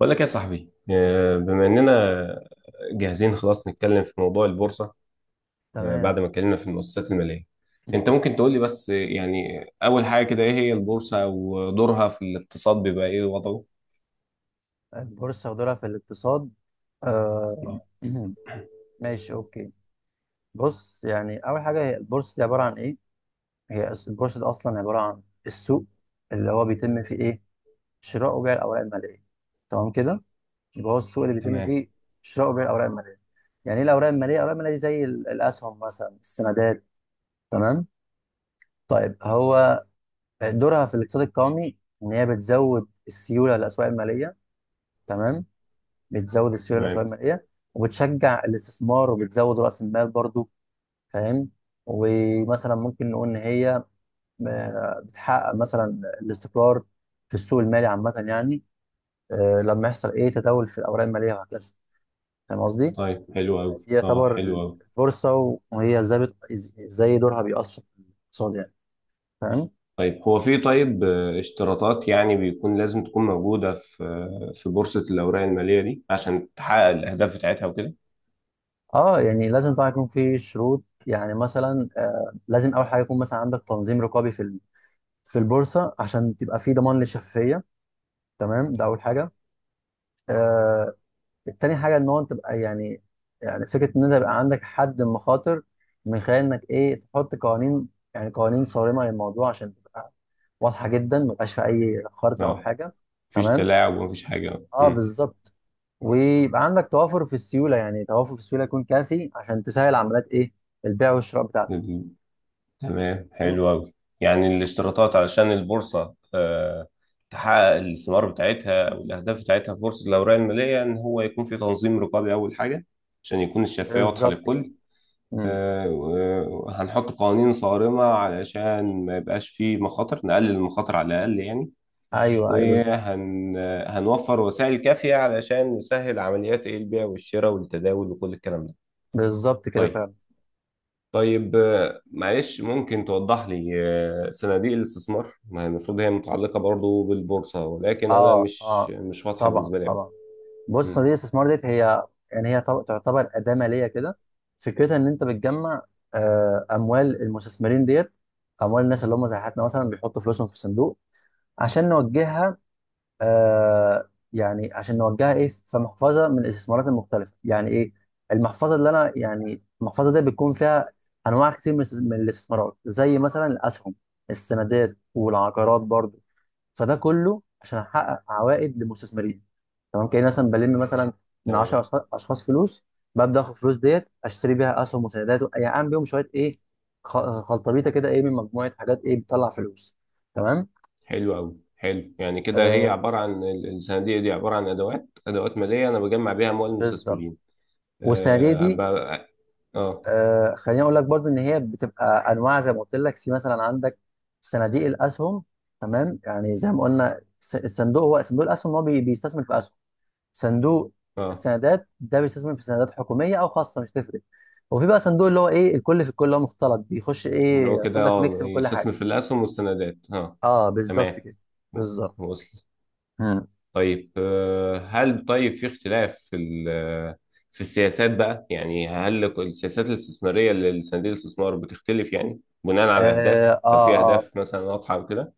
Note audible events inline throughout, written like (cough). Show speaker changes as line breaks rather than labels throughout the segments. بقول لك يا صاحبي، بما اننا جاهزين خلاص نتكلم في موضوع البورصه.
تمام.
بعد ما اتكلمنا في المؤسسات الماليه، انت
(clears throat)
ممكن تقول لي بس يعني اول حاجه كده ايه هي البورصه ودورها في الاقتصاد، بيبقى ايه وضعه؟
البورصة ودورها في الاقتصاد. آه
آه،
(clears throat) ماشي، أوكي. بص، يعني أول حاجة، هي البورصة دي عبارة عن إيه؟ هي البورصة دي أصلا عبارة عن السوق اللي هو بيتم فيه إيه؟ شراء وبيع الأوراق المالية، تمام كده؟ يبقى هو السوق اللي بيتم
تمام،
فيه شراء وبيع الأوراق المالية. يعني إيه الأوراق المالية؟ الأوراق المالية دي زي الأسهم مثلا، السندات، تمام؟ طيب، هو دورها في الاقتصاد القومي إن هي بتزود السيولة للأسواق المالية، تمام؟ بتزود السيوله
تمام.
الاسواق الماليه، وبتشجع الاستثمار، وبتزود راس المال برضو. فاهم؟ ومثلا ممكن نقول ان هي بتحقق مثلا الاستقرار في السوق المالي عامه يعني. لما يحصل ايه تداول في الاوراق الماليه وهكذا. فاهم قصدي؟
طيب، حلو قوي،
دي يعتبر
حلو قوي.
البورصه، وهي ازاي ازاي دورها بيأثر في الاقتصاد يعني. فاهم؟
طيب هو في طيب آه، اشتراطات يعني بيكون لازم تكون موجوده في بورصه الاوراق الماليه دي عشان تحقق الاهداف بتاعتها وكده.
اه، يعني لازم طبعا يكون في شروط، يعني مثلا لازم اول حاجه يكون مثلا عندك تنظيم رقابي في في البورصه، عشان تبقى في ضمان للشفافيه. تمام، ده اول حاجه. آه التاني حاجه ان هو تبقى يعني، يعني فكره ان انت يبقى عندك حد مخاطر، من خلال انك ايه تحط قوانين، يعني قوانين صارمه للموضوع، عشان تبقى واضحه جدا، ما يبقاش في اي خرق او
اه،
حاجه.
مفيش
تمام،
تلاعب ومفيش حاجه
اه
آه،
بالظبط. ويبقى عندك توافر في السيوله، يعني توافر في السيوله يكون كافي عشان تسهل عمليات ايه، البيع والشراء بتاعتك.
مم. تمام،
تمام
حلو أوي. يعني الاشتراطات علشان البورصة تحقق الثمار بتاعتها أو الأهداف بتاعتها في بورصة الأوراق المالية، إن هو يكون في تنظيم رقابي أول حاجة عشان يكون الشفافية واضحة
بالظبط كده.
للكل.
مم.
آه، و- وهنحط قوانين صارمة علشان ما يبقاش فيه مخاطر، نقلل المخاطر على الأقل يعني.
ايوه ايوه بالظبط.
وهنوفر وسائل كافية علشان نسهل عمليات إيه البيع والشراء والتداول وكل الكلام ده.
بالظبط كده
طيب.
فعلا.
طيب، معلش ممكن توضح لي صناديق الاستثمار؟ ما هي المفروض هي متعلقة برضو بالبورصة، ولكن أنا
اه
مش
اه،
مش واضحة
طبعا
بالنسبة لي أوي.
طبعا. بص،
مم،
صناديق الاستثمار ديت هي، يعني هي تعتبر أداة مالية كده. فكرتها إن أنت بتجمع أموال المستثمرين ديت، أموال الناس اللي هم زي حياتنا مثلا، بيحطوا فلوسهم في صندوق عشان نوجهها، يعني عشان نوجهها إيه في محفظة من الاستثمارات المختلفة. يعني إيه المحفظة؟ اللي أنا يعني المحفظة دي بيكون فيها أنواع كتير من من الاستثمارات، زي مثلا الأسهم، السندات، والعقارات برضه. فده كله عشان أحقق عوائد للمستثمرين. تمام، كأني مثلا بلم مثلا من
تمام،
10 أشخاص فلوس، ببدأ آخد الفلوس ديت أشتري بيها أسهم وسندات، يعني أعمل بيهم شوية إيه، خلطبيطة كده، إيه من مجموعة حاجات إيه بتطلع فلوس. تمام.
حلو أوي. حلو، يعني كده هي
آه
عبارة عن الصناديق دي عبارة عن أدوات مالية أنا بجمع بيها أموال
بالظبط.
المستثمرين.
والصناديق
آه أبقى-
دي،
آه آه
خليني أقول لك برضو إن هي بتبقى أنواع، زي ما قلت لك، في مثلا عندك صناديق الأسهم، تمام، يعني زي ما قلنا الصندوق هو صندوق الأسهم، هو بيستثمر في أسهم. صندوق
آه.
السندات ده بيستثمر في سندات حكوميه او خاصه، مش تفرق. وفي بقى صندوق اللي هو ايه الكل في الكل، اللي هو مختلط، بيخش
اللي
ايه
هو كده
ياخد لك ميكس من كل حاجه.
يستثمر في الأسهم والسندات.
اه بالظبط
تمام،
كده، بالظبط.
وصل.
مم.
طيب، هل طيب في اختلاف في السياسات بقى؟ يعني هل السياسات الاستثمارية اللي صناديق الاستثمار بتختلف يعني بناء على الأهداف،
اه
لو في
اه اه,
أهداف مثلا واضحة وكده؟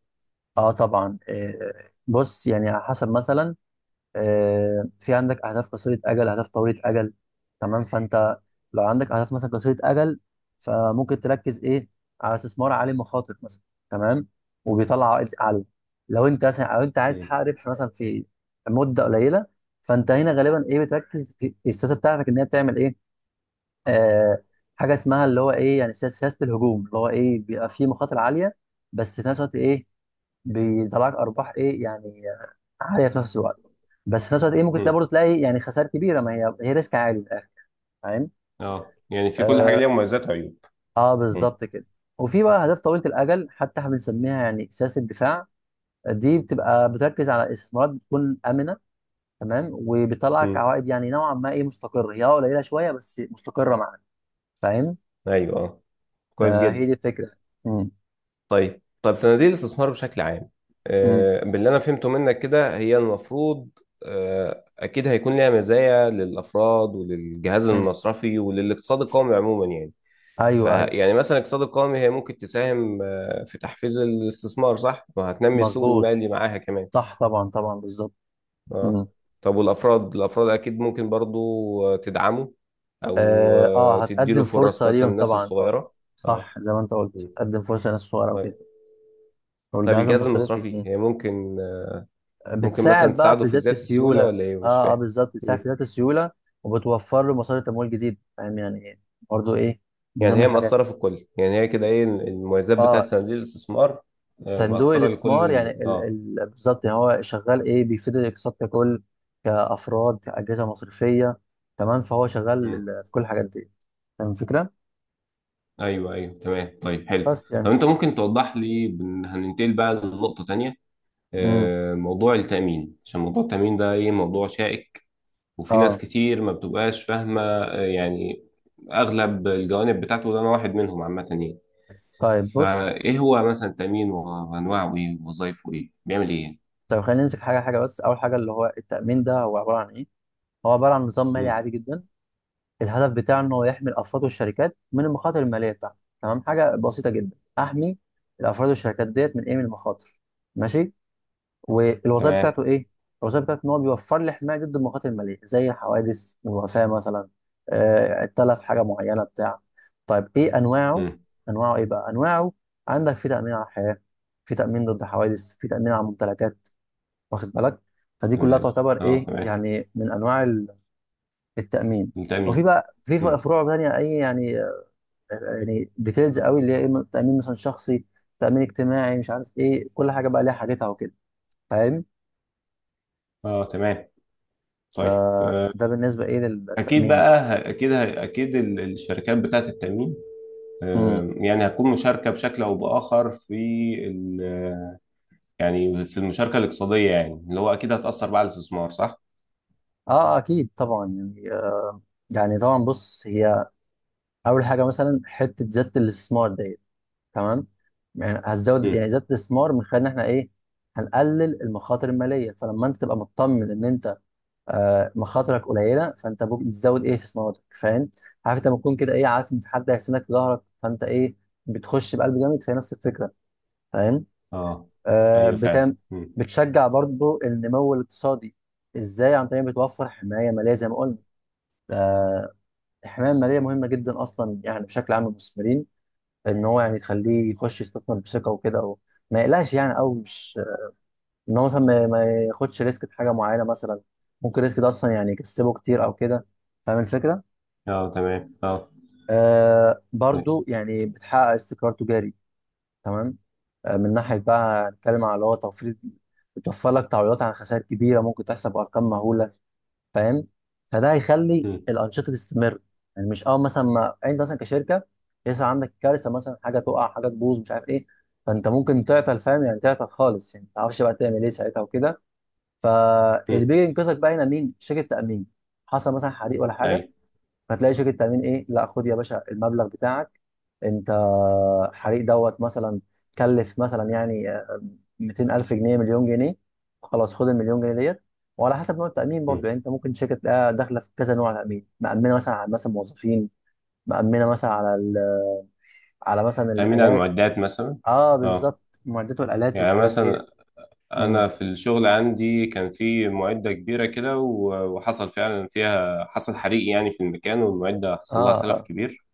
طبعا. بص، يعني على حسب مثلا، في عندك اهداف قصيره اجل، اهداف طويله اجل. تمام، فانت لو عندك اهداف مثلا قصيره اجل، فممكن تركز ايه على استثمار عالي مخاطر مثلا، تمام، وبيطلع عائد عالي. لو انت مثلا، او انت عايز
مم.
تحقق ربح مثلا في مده قليله، فانت هنا غالبا ايه بتركز في السياسه بتاعتك ان هي بتعمل ايه، آه حاجه اسمها اللي هو ايه، يعني سياسه، سياسة الهجوم، اللي هو ايه بيبقى فيه مخاطر عاليه، بس في نفس الوقت ايه بيطلعك ارباح ايه، يعني عاليه في نفس الوقت. بس في نفس الوقت ايه، ممكن تلاقي
مم.
برضه تلاقي يعني خسائر كبيره، ما هي هي ريسك عالي من الاخر. فاهم؟
اه، يعني في كل حاجة
اه,
ليها مميزات وعيوب. مم.
بالظبط كده. وفي بقى اهداف طويله الاجل، حتى احنا بنسميها يعني سياسه دفاع. دي بتبقى بتركز على استثمارات بتكون امنه، تمام، وبتطلعك
مم.
عوائد يعني نوعا ما ايه مستقره، هي قليله شويه بس مستقره معاك. فاهم؟
ايوه، اه. كويس
فهي
جدا.
دي الفكره. امم
طيب، طب صناديق الاستثمار بشكل عام،
امم
باللي أنا فهمته منك كده هي المفروض أكيد هيكون ليها مزايا للأفراد وللجهاز
امم
المصرفي وللاقتصاد القومي عموما يعني.
ايوه ايوه.
فيعني مثلا الاقتصاد القومي، هي ممكن تساهم في تحفيز الاستثمار، صح؟ وهتنمي السوق
مظبوط،
المالي معاها كمان.
صح طبعا طبعا بالظبط.
اه. طب والافراد اكيد ممكن برضو تدعمه، او
اه
تديله
هتقدم
فرص
فرصه
مثلا
ليهم
الناس
طبعا، اه،
الصغيره. اه.
صح، زي ما انت قلت
م.
هتقدم فرصه للناس الصغيره
طيب،
وكده.
طيب،
والجهاز
الجهاز
المصرفي،
المصرفي هي ممكن ممكن مثلا
بتساعد بقى
تساعده
في
في
زياده
زياده
السيوله.
السيوله، ولا ايه؟ مش
اه اه
فاهم.
بالظبط، بتساعد
م.
في زياده السيوله، وبتوفر له مصادر تمويل جديد. فاهم يعني ايه؟ برضه ايه من
يعني
ضمن
هي
الحاجات
مأثره
يعني.
في الكل، يعني هي كده ايه المميزات بتاع
اه،
صناديق الاستثمار.
صندوق
مأثره لكل
الاستثمار، يعني
ال-
ال...
اه
ال... بالظبط، يعني هو شغال ايه بيفيد الاقتصاد ككل، كافراد، كاجهزه مصرفيه. تمام، فهو شغال
م.
في كل الحاجات دي. فاهم الفكره؟
ايوه، ايوه، تمام. طيب، حلو.
بس
طب
يعني.
انت ممكن توضح لي، هننتقل بقى لنقطة تانية.
امم
موضوع التأمين، عشان موضوع التأمين ده ايه موضوع شائك، وفي ناس
اه،
كتير ما بتبقاش فاهمة يعني اغلب الجوانب بتاعته، ده انا واحد منهم عامة يعني.
طيب، بص.
فايه هو مثلا التأمين، وانواعه ايه، ووظايفه ايه، بيعمل ايه يعني؟
طب خلينا نمسك حاجة حاجة بس. أول حاجة اللي هو التأمين ده، هو عبارة عن إيه؟ هو عبارة عن نظام مالي
مم.
عادي جدا، الهدف بتاعه إن هو يحمي الأفراد والشركات من المخاطر المالية بتاعته. تمام، حاجة بسيطة جدا، أحمي الأفراد والشركات ديت من إيه، من المخاطر. ماشي. والوظائف
تمام.
بتاعته إيه؟ الوظائف بتاعته إن هو بيوفر لي حماية ضد المخاطر المالية، زي الحوادث والوفاة مثلا، التلف، حاجة معينة بتاع. طيب إيه أنواعه؟
مم.
أنواعه إيه بقى؟ أنواعه، عندك في تأمين على الحياة، في تأمين ضد حوادث، في تأمين على الممتلكات، واخد بالك؟ فدي كلها
تمام،
تعتبر
اه،
ايه،
تمام.
يعني من انواع التامين. وفي
التأمين.
بقى في
مم.
فروع تانية اي يعني، يعني ديتيلز قوي، اللي هي ايه تامين مثلا شخصي، تامين اجتماعي، مش عارف ايه، كل حاجه بقى ليها حاجتها وكده. فاهم؟
اه، تمام. طيب،
فده بالنسبه ايه
اكيد
للتامين يعني.
بقى، اكيد اكيد الشركات بتاعت التأمين
امم
يعني هتكون مشاركة بشكل أو بآخر في ال- يعني في المشاركة الاقتصادية، يعني اللي هو أكيد هتأثر بقى على الاستثمار، صح؟
اه اكيد طبعا، يعني يعني طبعا بص، هي اول حاجه مثلا حته زياده الاستثمار ديت، تمام، يعني هتزود يعني
مم.
زياده الاستثمار من خلال ان احنا ايه، هنقلل المخاطر الماليه. فلما انت تبقى مطمن ان انت مخاطرك قليله، فانت بتزود ايه استثماراتك. فاهم؟ عارف انت لما تكون كده ايه، عارف ان في حد هيحسنك في ظهرك، فانت ايه، بتخش بقلب جامد. فهي نفس الفكره. فاهم؟
أه، أيوه فعلا.
بتعمل،
مم.
بتشجع برضو النمو الاقتصادي. ازاي؟ عن طريق بتوفر حمايه ماليه زي ما قلنا. الحمايه الماليه مهمه جدا اصلا، يعني بشكل عام للمستثمرين، ان هو يعني تخليه يخش يستثمر بثقه وكده، أو ما يقلقش يعني، او مش ان هو مثلا ما ياخدش ريسك في حاجه معينه مثلا، ممكن الريسك ده اصلا يعني يكسبه كتير او كده. فاهم الفكره؟
أه، تمام، أه. طيب.
برضو يعني بتحقق استقرار تجاري. تمام، من ناحية بقى نتكلم على اللي هو توفير، بتوفر لك تعويضات عن خسائر كبيرة ممكن تحصل بأرقام مهولة. فاهم؟ فده هيخلي
مم.
الأنشطة تستمر. يعني مش أول مثلا ما أنت مثلا كشركة يحصل عندك كارثة مثلا، حاجة تقع، حاجة تبوظ، مش عارف إيه. فأنت ممكن تعطل. فاهم يعني؟ تعطل خالص، يعني ما تعرفش بقى تعمل إيه ساعتها وكده. فاللي
مم.
بيجي ينقذك بقى هنا مين؟ شركة تأمين. حصل مثلا حريق ولا حاجة،
أيوه.
فتلاقي شركه تامين ايه، لا خد يا باشا المبلغ بتاعك انت. حريق دوت مثلا، كلف مثلا يعني 200,000 جنيه، مليون جنيه، خلاص خد المليون جنيه ديت. وعلى حسب نوع التامين برضو،
مم.
يعني انت ممكن شركه تلاقيها داخله في كذا نوع تامين، مأمنه مثلا على مثلا موظفين، مأمنه مثلا على ال... على مثلا
تأمين على
الالات.
المعدات مثلا.
اه
أه،
بالظبط، معدات والالات
يعني
والحاجات ديت.
مثلا
امم
أنا في الشغل عندي كان في معدة كبيرة كده، و- وحصل فعلا فيها، حصل حريق يعني في المكان، والمعدة
اه
حصل لها تلف
اه
كبير،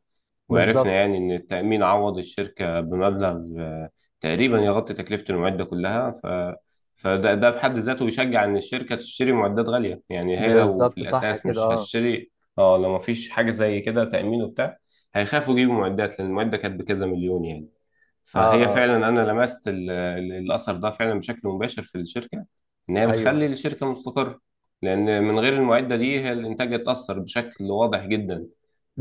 وعرفنا
بالظبط.
يعني إن التأمين عوض الشركة بمبلغ تقريبا يغطي تكلفة المعدة كلها، ف... فده ده في حد ذاته بيشجع إن الشركة تشتري معدات غالية، يعني هي لو في
بالظبط صح
الأساس
كده.
مش
اه
هتشتري. اه، لو مفيش حاجة زي كده، تأمين وبتاع، هيخافوا يجيبوا معدات، لأن المعدة كانت بكذا مليون يعني.
اه
فهي
اه
فعلا أنا لمست الأثر ده فعلا بشكل مباشر في الشركة، إن هي
ايوه
بتخلي
ايوه
الشركة مستقرة، لأن من غير المعدة دي هي الإنتاج اتأثر بشكل واضح جدا،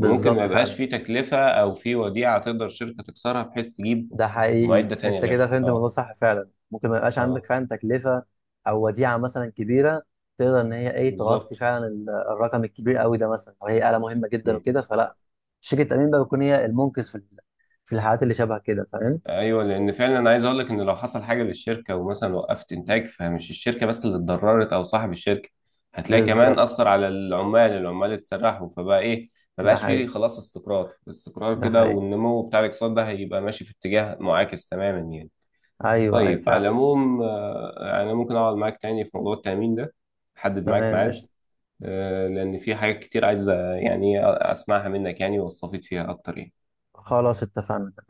وممكن ما يبقاش
فعلا.
في تكلفة أو في وديعة تقدر الشركة تكسرها بحيث تجيب
ده حقيقي،
معدة تاني
انت
غيرها.
كده فهمت الموضوع
اه.
صح. فعلا ممكن ما يبقاش
اه،
عندك فعلا تكلفه او وديعه مثلا كبيره تقدر ان هي ايه تغطي
بالظبط.
فعلا الرقم الكبير قوي ده مثلا، او هي آلة مهمه جدا
مم.
وكده، فلا، شركه التامين بقى بتكون هي المنقذ في في الحالات اللي شبه كده. فاهم؟
ايوه، لان فعلا انا عايز اقول لك ان لو حصل حاجه للشركه ومثلا وقفت انتاج، فمش الشركه بس اللي اتضررت او صاحب الشركه، هتلاقي كمان
بالظبط.
اثر على العمال اتسرحوا، فبقى ايه، ما
ده
بقاش فيه
حقيقي،
خلاص استقرار، استقرار
ده
كده،
حقيقي،
والنمو بتاع الاقتصاد ده هيبقى ماشي في اتجاه معاكس تماما يعني.
ايوه ايوه
طيب، على
فعلا.
العموم انا ممكن اقعد معاك تاني في موضوع التامين ده، احدد معاك
تمام
ميعاد،
قشطه.
لأن في حاجات كتير عايز يعني أسمعها منك، يعني واستفيد فيها أكتر يعني.
خلاص اتفقنا.